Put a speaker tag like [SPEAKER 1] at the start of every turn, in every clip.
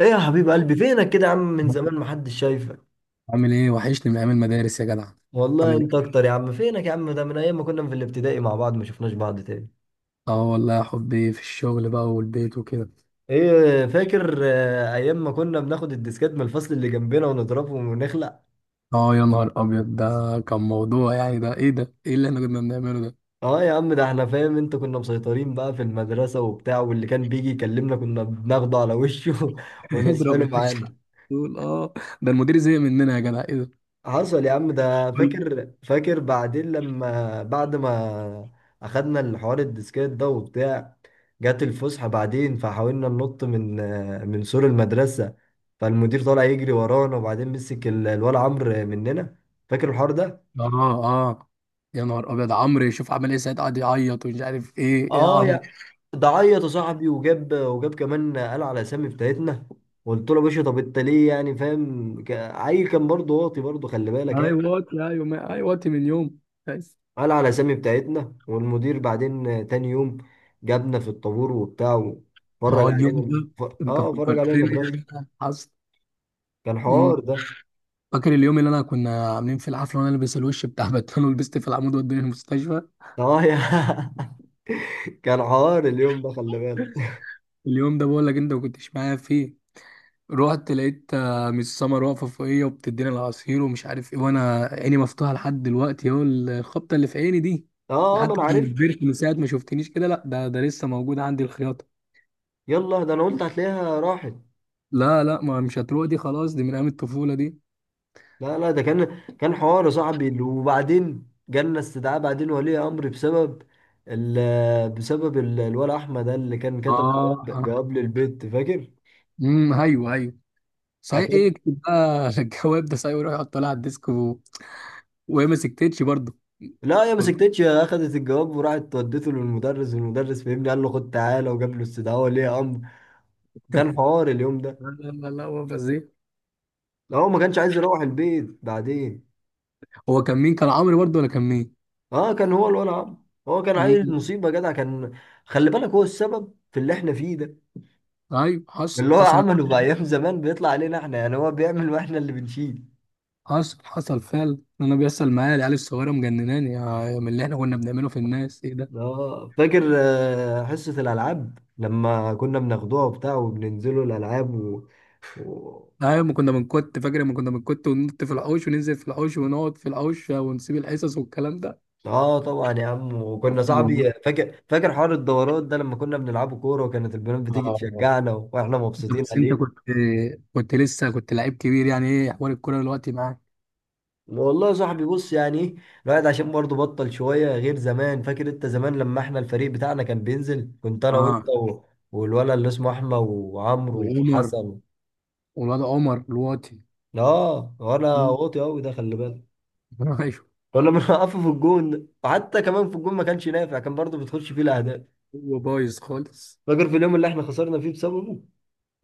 [SPEAKER 1] ايه يا حبيب قلبي، فينك كده يا عم؟ من زمان ما حدش شايفك.
[SPEAKER 2] عامل ايه؟ وحشني من ايام المدارس يا جدع.
[SPEAKER 1] والله
[SPEAKER 2] عامل
[SPEAKER 1] انت
[SPEAKER 2] ايه؟
[SPEAKER 1] اكتر يا عم، فينك يا عم؟ ده من ايام ما كنا في الابتدائي مع بعض ما شفناش بعض تاني.
[SPEAKER 2] اه والله يا حبي، في الشغل بقى والبيت وكده.
[SPEAKER 1] ايه فاكر ايام ما كنا بناخد الديسكات من الفصل اللي جنبنا ونضربهم ونخلع.
[SPEAKER 2] اه يا نهار ابيض، ده كان موضوع يعني. ده ايه ده ايه اللي احنا كنا بنعمله ده؟
[SPEAKER 1] اه يا عم، ده احنا فاهم انت كنا مسيطرين بقى في المدرسة وبتاع، واللي كان بيجي يكلمنا كنا بناخده على وشه
[SPEAKER 2] اضرب يا
[SPEAKER 1] ونصحله
[SPEAKER 2] باشا.
[SPEAKER 1] معانا.
[SPEAKER 2] تقول اه. ده المدير زهق مننا يا جدع، ايه ده؟
[SPEAKER 1] حصل يا عم ده،
[SPEAKER 2] قول لي.
[SPEAKER 1] فاكر بعدين لما بعد ما اخدنا الحوار الديسكات ده وبتاع، جت الفسحة بعدين فحاولنا ننط من سور المدرسة، فالمدير طالع يجري ورانا وبعدين مسك الولا عمرو مننا. فاكر الحوار ده؟
[SPEAKER 2] اه اه، يا نهار ابيض عمرو، يشوف عمل ايه ساعتها، قعد يعيط ومش عارف ايه، ايه يا
[SPEAKER 1] اه
[SPEAKER 2] عمرو.
[SPEAKER 1] يا، ده عيط يا صاحبي، وجاب كمان قال على اسامي بتاعتنا. قلت له يا باشا، طب انت ليه يعني؟ فاهم، عيل كان برضه واطي برضه، خلي بالك يعني.
[SPEAKER 2] ايوه واتي، ايوه ايوه واتي من يوم. بس
[SPEAKER 1] قال على الأسامي بتاعتنا، والمدير بعدين تاني يوم جابنا في الطابور وبتاع وفرج
[SPEAKER 2] اه اليوم
[SPEAKER 1] علينا
[SPEAKER 2] ده،
[SPEAKER 1] ف...
[SPEAKER 2] انت
[SPEAKER 1] اه فرج علينا من
[SPEAKER 2] فكرتني يا
[SPEAKER 1] الرسم.
[SPEAKER 2] جدع. حصل.
[SPEAKER 1] كان حوار ده.
[SPEAKER 2] فاكر اليوم اللي انا كنا عاملين في الحفله، وانا لابس الوش بتاع باتمان، ولبست في العمود وداني المستشفى.
[SPEAKER 1] اه يا، كان حوار اليوم ده، خلي بالك.
[SPEAKER 2] اليوم ده بقول لك انت ما كنتش معايا فيه. رحت لقيت آه، مس سمر واقفه فوقيا وبتديني العصير ومش عارف ايه، وانا عيني مفتوحه لحد دلوقتي اهو، الخبطه اللي في عيني دي،
[SPEAKER 1] اه اه، ما
[SPEAKER 2] لحد
[SPEAKER 1] انا
[SPEAKER 2] ما
[SPEAKER 1] عارف.
[SPEAKER 2] كبرت، من ساعه ما شفتنيش كده. لا ده لسه موجود عندي الخياطه.
[SPEAKER 1] يلا ده انا قلت هتلاقيها راحت.
[SPEAKER 2] لا لا، ما مش هتروح دي، خلاص دي من ايام الطفوله دي.
[SPEAKER 1] لا لا، ده كان كان حوار يا صاحبي، وبعدين جالنا استدعاء بعدين ولي امر بسبب ال... بسبب ال... الولا احمد ده اللي كان
[SPEAKER 2] اه
[SPEAKER 1] كتب جواب
[SPEAKER 2] آه.
[SPEAKER 1] جواب للبيت، فاكر؟
[SPEAKER 2] ايوه ايوه. صحيح ايه، اكتب بقى الجواب ده صحيح، ويروح يحطه لها على الديسك و... وهي ما سكتتش برضه.
[SPEAKER 1] لا يا، ما سكتتش، اخدت الجواب وراحت ودته للمدرس، والمدرس فهمني قال له خد تعالى، وجاب له استدعاء ولي امر. وكان حوار اليوم ده.
[SPEAKER 2] لا لا لا لا، هو فازيه.
[SPEAKER 1] لا هو ما كانش عايز يروح البيت بعدين.
[SPEAKER 2] هو كان مين؟ كان عمرو برضه ولا كان مين؟
[SPEAKER 1] اه كان هو الولع عم، هو كان عيل
[SPEAKER 2] امم.
[SPEAKER 1] مصيبه جدع كان. خلي بالك، هو السبب في اللي احنا فيه ده.
[SPEAKER 2] ايوه حصل
[SPEAKER 1] اللي هو
[SPEAKER 2] حصل.
[SPEAKER 1] عمله في ايام زمان بيطلع علينا احنا، يعني هو بيعمل واحنا اللي بنشيل.
[SPEAKER 2] حصل حصل فعلا. انا بيحصل معايا العيال الصغيره مجنناني، يا من اللي احنا كنا بنعمله في الناس، ايه ده؟
[SPEAKER 1] اه فاكر حصه الالعاب لما كنا بناخدوها وبتاع وبننزلوا الالعاب و...
[SPEAKER 2] ايوه، ما كنا بنكت. فاكر لما كنا بنكت وننط في الحوش، وننزل في الحوش، ونقعد في الحوش، ونسيب الحصص والكلام ده.
[SPEAKER 1] اه طبعا يا عم، وكنا
[SPEAKER 2] أيوة.
[SPEAKER 1] صاحبي، فاكر حوار الدورات ده لما كنا بنلعبه كوره، وكانت البنات بتيجي
[SPEAKER 2] آه.
[SPEAKER 1] تشجعنا واحنا
[SPEAKER 2] انت
[SPEAKER 1] مبسوطين
[SPEAKER 2] بس، انت
[SPEAKER 1] عليه.
[SPEAKER 2] كنت، كنت لسه كنت لعيب كبير. يعني ايه احوال الكوره دلوقتي معاك؟
[SPEAKER 1] والله يا صاحبي، بص يعني ايه، الواحد عشان برضه بطل شويه غير زمان. فاكر انت زمان لما احنا الفريق بتاعنا كان بينزل، كنت انا وانت
[SPEAKER 2] اه.
[SPEAKER 1] و... والولد اللي اسمه احمد وعمرو
[SPEAKER 2] وعمر،
[SPEAKER 1] وحسن.
[SPEAKER 2] والواد عمر دلوقتي.
[SPEAKER 1] اه وانا
[SPEAKER 2] مم.
[SPEAKER 1] واطي قوي، ده خلي بالك.
[SPEAKER 2] ايوه.
[SPEAKER 1] كنا بنوقفه في الجون ده، وحتى كمان في الجون ما كانش نافع، كان برضه بتخش فيه الاهداف.
[SPEAKER 2] هو بايظ خالص.
[SPEAKER 1] فاكر في اليوم اللي احنا خسرنا فيه بسببه؟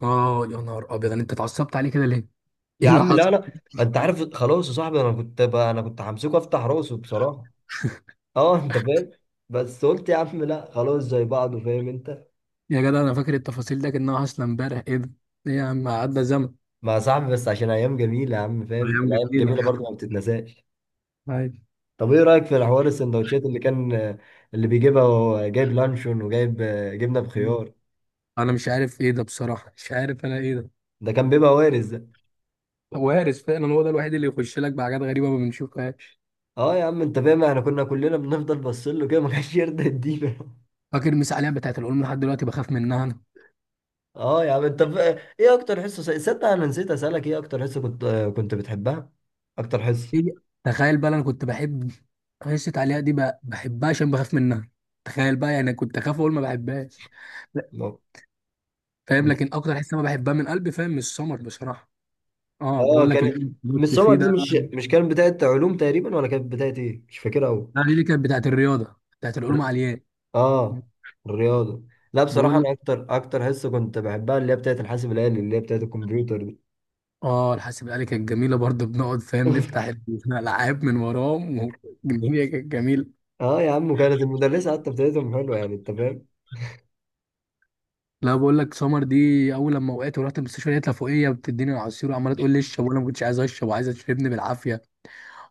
[SPEAKER 2] اه يا نهار ابيض، انت اتعصبت عليه كده ليه؟
[SPEAKER 1] يا
[SPEAKER 2] ايه اللي
[SPEAKER 1] عم لا
[SPEAKER 2] حصل؟
[SPEAKER 1] لا، انت عارف خلاص يا صاحبي، انا كنت بقى، انا كنت همسكه افتح راسه بصراحه. اه انت فاهم. بس قلت يا عم لا، خلاص زي بعضه، فاهم انت.
[SPEAKER 2] يا جدع انا فاكر التفاصيل ده كانها حاصله امبارح، ايه ده؟ ايه يا عم، عدى زمن.
[SPEAKER 1] مع صاحبي، بس عشان ايام جميله يا عم، فاهم،
[SPEAKER 2] ايام
[SPEAKER 1] الايام
[SPEAKER 2] جميله
[SPEAKER 1] جميله برضه ما بتتنساش.
[SPEAKER 2] آه، عادي.
[SPEAKER 1] طب ايه رايك في الحوار السندوتشات اللي كان، اللي بيجيبها وهو جايب لانشون وجايب جبنه بخيار؟
[SPEAKER 2] انا مش عارف ايه ده بصراحه، مش عارف انا ايه ده.
[SPEAKER 1] ده كان بيبقى وارز ده.
[SPEAKER 2] وارث فعلا، هو ده الوحيد اللي يخش لك بحاجات غريبه ما بنشوفهاش.
[SPEAKER 1] اه يا عم، انت فاهم، احنا كنا كلنا بنفضل باصين له كده، ما كانش يرضى يدينا.
[SPEAKER 2] فاكر المسا عليها بتاعت العلوم؟ لحد دلوقتي بخاف منها انا.
[SPEAKER 1] اه يا عم، ايه اكتر حصه صدق انا نسيت اسالك، ايه اكتر حصه كنت كنت بتحبها؟ اكتر حصه.
[SPEAKER 2] إيه؟ تخيل بقى، انا كنت بحب قصة عليها دي بقى، بحبها عشان بخاف منها. تخيل بقى، يعني كنت اخاف اقول ما بحبهاش. لا،
[SPEAKER 1] لا.
[SPEAKER 2] فاهم. لكن
[SPEAKER 1] بس،
[SPEAKER 2] اكتر حس انا بحبها من قلبي فاهم، من السمر بصراحه. اه
[SPEAKER 1] اه
[SPEAKER 2] بقول لك
[SPEAKER 1] كانت
[SPEAKER 2] الإيه
[SPEAKER 1] مش
[SPEAKER 2] دوت
[SPEAKER 1] سمر
[SPEAKER 2] فيه
[SPEAKER 1] دي
[SPEAKER 2] ده.
[SPEAKER 1] مش مش كانت بتاعه علوم تقريبا، ولا كانت بتاعه ايه؟ مش فاكرها قوي.
[SPEAKER 2] ده دي كانت بتاعت الرياضه، بتاعت العلوم العليا.
[SPEAKER 1] اه الرياضه. لا بصراحه،
[SPEAKER 2] بقول لك،
[SPEAKER 1] انا اكتر حصه كنت بحبها اللي هي بتاعه الحاسب الالي، اللي هي بتاعه الكمبيوتر دي.
[SPEAKER 2] اه الحاسب الآلي كانت جميله برضه، بنقعد فاهم نفتح الالعاب من وراهم، والدنيا كانت جميله.
[SPEAKER 1] اه يا عم، وكانت المدرسه حتى بتاعتهم حلوه يعني، انت فاهم.
[SPEAKER 2] لا بقول لك، سمر دي اول لما وقعت ورحت المستشفى لقيتها فوقيه بتديني العصير، وعماله تقول لي اشرب وانا ما كنتش عايز اشرب، وعايزه تشربني بالعافيه.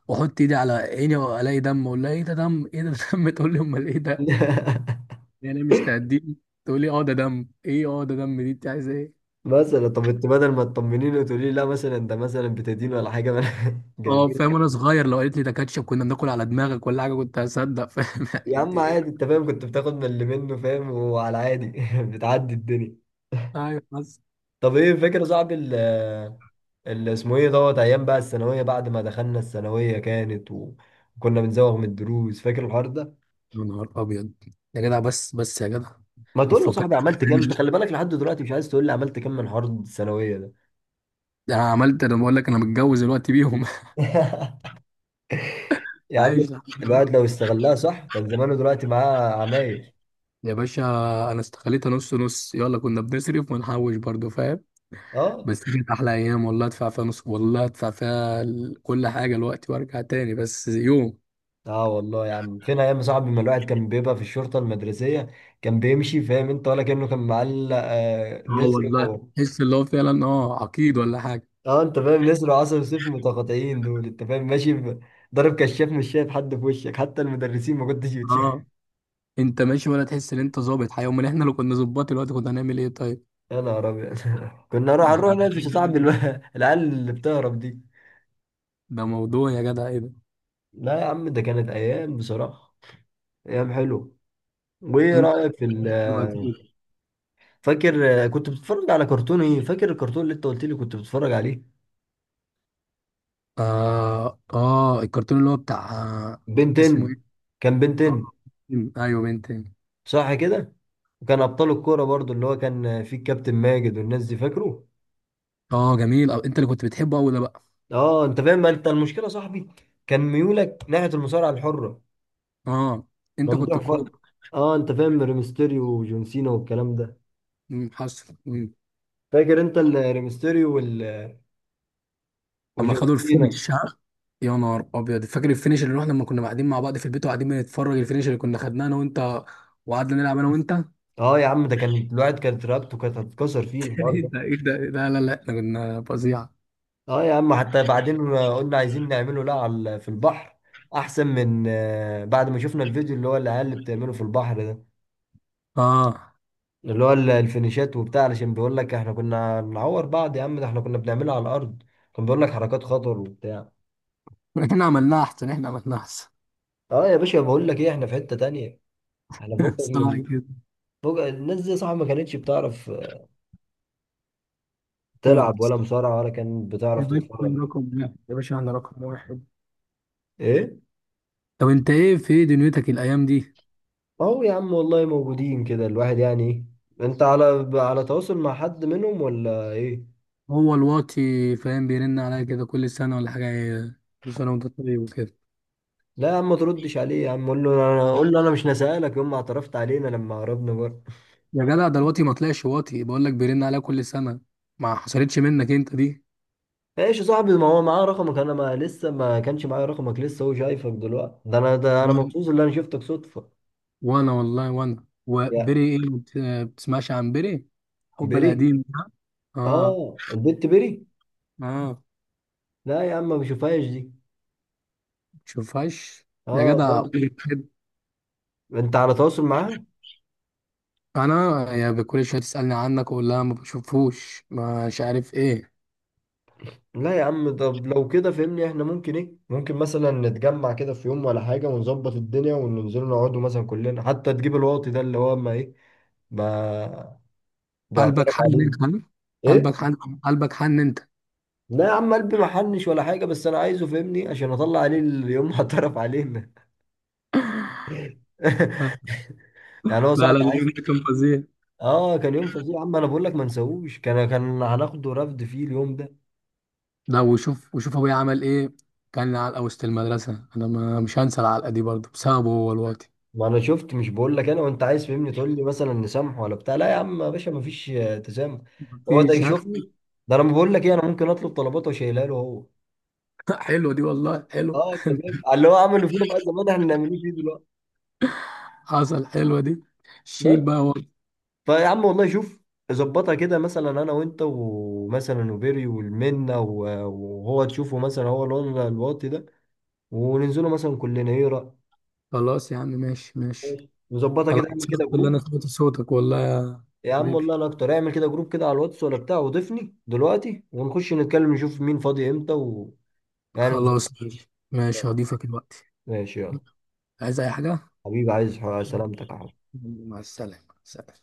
[SPEAKER 2] واحط ايدي على عيني والاقي دم، اقول لها ايه ده؟ دم، ايه ده دم؟ تقول لي امال ايه ده. يعني مش تهديني، تقول لي اه ده دم، ايه اه ده دم، دي انت عايزه ايه؟
[SPEAKER 1] مثلا طب انت بدل ما تطمنيني وتقولي لي لا مثلا، انت مثلا بتدين ولا حاجه، ما أنا-
[SPEAKER 2] اه
[SPEAKER 1] جايبين.
[SPEAKER 2] فاهم. وانا صغير، لو قالت لي ده كاتشب كنا بناكل على دماغك ولا حاجه كنت هصدق، فاهم؟ يعني
[SPEAKER 1] يا
[SPEAKER 2] انت
[SPEAKER 1] عم عادي،
[SPEAKER 2] ايه.
[SPEAKER 1] انت فاهم، كنت بتاخد من اللي منه فاهم، وعلى عادي بتعدي الدنيا.
[SPEAKER 2] ايوه بس.
[SPEAKER 1] طب ايه فكرة صعب اسمه ايه دوت، ايام بقى الثانوية، بعد ما دخلنا الثانوية كانت وكنا بنزوغ من الدروس، فاكر الحوار ده؟
[SPEAKER 2] يا نهار ابيض. يا جدع بس، بس يا جدع.
[SPEAKER 1] ما
[SPEAKER 2] ما
[SPEAKER 1] تقول له
[SPEAKER 2] تفكرش
[SPEAKER 1] صاحبي عملت كام؟ انت
[SPEAKER 2] ده.
[SPEAKER 1] خلي بالك لحد دلوقتي مش عايز تقول لي عملت كام من حوار الثانوية ده.
[SPEAKER 2] ده انا عملت، انا بقول لك انا متجوز دلوقتي بيهم
[SPEAKER 1] يا عم،
[SPEAKER 2] عايش لحد دلوقتي.
[SPEAKER 1] الواحد لو استغلها صح كان زمانه دلوقتي معاه عمايل.
[SPEAKER 2] يا باشا، انا استخليتها نص نص، يلا. كنا بنصرف ونحوش برضو فاهم.
[SPEAKER 1] اه
[SPEAKER 2] بس دي كانت احلى ايام، والله ادفع فيها نص، والله ادفع فيها كل حاجه دلوقتي وارجع تاني بس يوم.
[SPEAKER 1] اه والله يا عم، فين ايام يا صاحبي ما الواحد كان بيبقى في الشرطه المدرسيه، كان بيمشي فاهم انت، ولا كانه كان معلق
[SPEAKER 2] اه
[SPEAKER 1] نسر
[SPEAKER 2] والله.
[SPEAKER 1] و...
[SPEAKER 2] تحس اللي هو فعلا اه عقيد ولا حاجه.
[SPEAKER 1] اه انت فاهم، نسر وعسل وسيف متقاطعين دول، انت فاهم، ماشي ب... ضارب كشاف، مش شايف حد في وشك، حتى المدرسين ما كنتش بتشوف.
[SPEAKER 2] اه، انت ماشي ولا تحس ان انت ظابط حقيقة. امال احنا لو كنا ظباط دلوقتي كنا هنعمل ايه طيب؟
[SPEAKER 1] يا نهار ابيض، كنا نروح
[SPEAKER 2] ده
[SPEAKER 1] نروح نقفش يا صاحبي، العيال اللي بتهرب دي.
[SPEAKER 2] ده موضوع يا جدع، ايه ده؟
[SPEAKER 1] لا يا عم، ده كانت ايام بصراحه، ايام حلوه. وايه
[SPEAKER 2] انت
[SPEAKER 1] رايك في ال...
[SPEAKER 2] دلوقتي كده.
[SPEAKER 1] فاكر كنت بتتفرج على كرتون ايه؟ فاكر الكرتون اللي انت قلت لي كنت بتتفرج عليه؟
[SPEAKER 2] اه اه، الكرتون اللي هو بتاع آه، اسمه
[SPEAKER 1] بنتين.
[SPEAKER 2] ايه.
[SPEAKER 1] كان
[SPEAKER 2] اه
[SPEAKER 1] بنتين.
[SPEAKER 2] بنتين. ايوه بنتين.
[SPEAKER 1] صح كده. وكان ابطال الكوره برضو، اللي هو كان فيه الكابتن ماجد والناس دي، فاكره؟
[SPEAKER 2] اه جميل. أو انت اللي كنت بتحبه قوي ده بقى.
[SPEAKER 1] اه انت فاهم، ما انت المشكله يا صاحبي كان ميولك ناحيه المصارعه الحره.
[SPEAKER 2] اه انت كنت
[SPEAKER 1] ممدوح ف...
[SPEAKER 2] كوب.
[SPEAKER 1] اه انت فاهم، ريمستيريو وجون سينا والكلام ده.
[SPEAKER 2] مم، حصل مم.
[SPEAKER 1] فاكر انت الريمستيريو وال...
[SPEAKER 2] اما
[SPEAKER 1] وجون
[SPEAKER 2] خدوا
[SPEAKER 1] سينا؟
[SPEAKER 2] الفينش ها. يا نهار ابيض، فاكر الفينش اللي رحنا، لما كنا قاعدين مع بعض في البيت وقاعدين بنتفرج الفينش اللي كنا خدناه انا وانت، وقعدنا نلعب انا وانت
[SPEAKER 1] اه يا عم، ده كان الواحد كانت رقبته كانت هتتكسر فيه الحوار
[SPEAKER 2] ايه
[SPEAKER 1] ده.
[SPEAKER 2] ده ايه ده، لا لا لا احنا كنا فظيعه.
[SPEAKER 1] اه يا عم، حتى بعدين قلنا عايزين نعمله لا على في البحر، احسن من بعد ما شفنا الفيديو اللي هو العيال اللي بتعمله في البحر ده،
[SPEAKER 2] اه
[SPEAKER 1] اللي هو الفينيشات وبتاع، علشان بيقول لك احنا كنا بنعور بعض، يا عم ده احنا كنا بنعملها على الارض، كان بيقول لك حركات خطر وبتاع.
[SPEAKER 2] احنا عملناها احسن، احنا عملناها احسن.
[SPEAKER 1] اه يا باشا، بقول لك ايه، احنا في حتة تانية، احنا فوق
[SPEAKER 2] صح
[SPEAKER 1] من
[SPEAKER 2] كده.
[SPEAKER 1] فوق الناس دي، صح؟ ما كانتش بتعرف تلعب
[SPEAKER 2] خالص.
[SPEAKER 1] ولا مصارعة، ولا كانت
[SPEAKER 2] يا
[SPEAKER 1] بتعرف
[SPEAKER 2] باشا،
[SPEAKER 1] تتفرج.
[SPEAKER 2] رقم واحد يا باشا، احنا رقم واحد.
[SPEAKER 1] ايه،
[SPEAKER 2] طب انت ايه في ايه دنيتك الايام دي؟
[SPEAKER 1] اهو يا عم، والله موجودين كده، الواحد يعني ايه. انت على على تواصل مع حد منهم ولا ايه؟
[SPEAKER 2] هو الواطي فاهم بيرن عليا كده كل سنه ولا حاجه، إيه، كل سنه وانت طيب وكده.
[SPEAKER 1] لا يا عم، ما تردش عليه يا عم، قول له انا، قول له انا مش نسألك يوم ما اعترفت علينا لما هربنا بره.
[SPEAKER 2] يا جدع ده الواطي ما طلعش واطي، بقول لك بيرن عليا كل سنه. ما حصلتش منك انت دي.
[SPEAKER 1] ايش يا صاحبي، ما هو معاه رقمك، انا ما لسه ما كانش معايا رقمك لسه، هو شايفك دلوقتي، ده انا، ده انا
[SPEAKER 2] نعم.
[SPEAKER 1] مبسوط ان انا شفتك صدفة.
[SPEAKER 2] وانا والله، وانا
[SPEAKER 1] يا
[SPEAKER 2] وبري ايه، ما آه، بتسمعش عن بري، حب
[SPEAKER 1] بيري.
[SPEAKER 2] القديم ده. اه.
[SPEAKER 1] اه البنت بيري.
[SPEAKER 2] اه.
[SPEAKER 1] لا يا عم، ما بشوفهاش دي.
[SPEAKER 2] شوفهاش. يا
[SPEAKER 1] اه
[SPEAKER 2] جدع،
[SPEAKER 1] خالص. انت على تواصل معاها؟
[SPEAKER 2] انا يعني كل شويه تسالني عنك واقول لها ما بشوفوش مش عارف ايه.
[SPEAKER 1] لا يا عم، طب لو كده فهمني، احنا ممكن ايه، ممكن مثلا نتجمع كده في يوم ولا حاجة، ونظبط الدنيا وننزل نقعدوا مثلا كلنا، حتى تجيب الواطي ده اللي هو ما ايه، ما
[SPEAKER 2] قلبك
[SPEAKER 1] بيعترف
[SPEAKER 2] حن
[SPEAKER 1] عليه.
[SPEAKER 2] انت ها؟ قلبك
[SPEAKER 1] ايه.
[SPEAKER 2] حن. قلبك حن انت.
[SPEAKER 1] لا يا عم، قلبي محنش ولا حاجة، بس انا عايزه فهمني عشان اطلع عليه اليوم هعترف عليه.
[SPEAKER 2] لا
[SPEAKER 1] يعني هو
[SPEAKER 2] لا
[SPEAKER 1] صعب
[SPEAKER 2] لا، اليوم
[SPEAKER 1] عايز.
[SPEAKER 2] ده كان فظيع.
[SPEAKER 1] اه كان يوم فظيع يا عم، انا بقول لك ما نسووش، كان كان هناخده رفد فيه اليوم ده.
[SPEAKER 2] لا، وشوف وشوف ابويا عمل ايه. كان علقه وسط المدرسه، انا ما مش هنسى العلقه دي برضه، بسببه هو الوقت.
[SPEAKER 1] ما انا شفت، مش بقول لك انا وانت، عايز فهمني تقول لي مثلا نسامح ولا بتاع، لا يا عم يا باشا، ما فيش تسامح. هو ده
[SPEAKER 2] مفيش
[SPEAKER 1] يشوفني، ده انا بقول لك ايه، انا ممكن اطلب طلبات واشيلها له هو.
[SPEAKER 2] حلوه دي والله، حلو.
[SPEAKER 1] اه انت فاهم، اللي هو عمله فينا بقى زمان احنا نعمله فيه دلوقتي.
[SPEAKER 2] حصل، حلوه دي. شيل
[SPEAKER 1] بس،
[SPEAKER 2] بقى هو.
[SPEAKER 1] فيا عم والله شوف، ظبطها كده مثلا انا وانت ومثلا وبيري والمنه وهو تشوفه مثلا، هو اللون الواطي ده، وننزله مثلا كلنا، ايه رأيك؟
[SPEAKER 2] خلاص يا عم، ماشي ماشي.
[SPEAKER 1] ماشي. نظبطها
[SPEAKER 2] انا
[SPEAKER 1] كده، اعمل كده
[SPEAKER 2] مبسوط ان انا
[SPEAKER 1] جروب.
[SPEAKER 2] سمعت صوتك، والله يا
[SPEAKER 1] يا عم
[SPEAKER 2] حبيبي.
[SPEAKER 1] والله انا اكتر، اعمل كده جروب كده على الواتس ولا بتاع، وضيفني دلوقتي ونخش نتكلم نشوف مين فاضي امتى و... يعني
[SPEAKER 2] خلاص
[SPEAKER 1] نظبط
[SPEAKER 2] ماشي ماشي،
[SPEAKER 1] كده.
[SPEAKER 2] هضيفك دلوقتي.
[SPEAKER 1] ماشي يلا
[SPEAKER 2] عايز اي حاجه؟
[SPEAKER 1] حبيبي، عايز سلامتك يا حبيبي.
[SPEAKER 2] مع السلامة، سلام.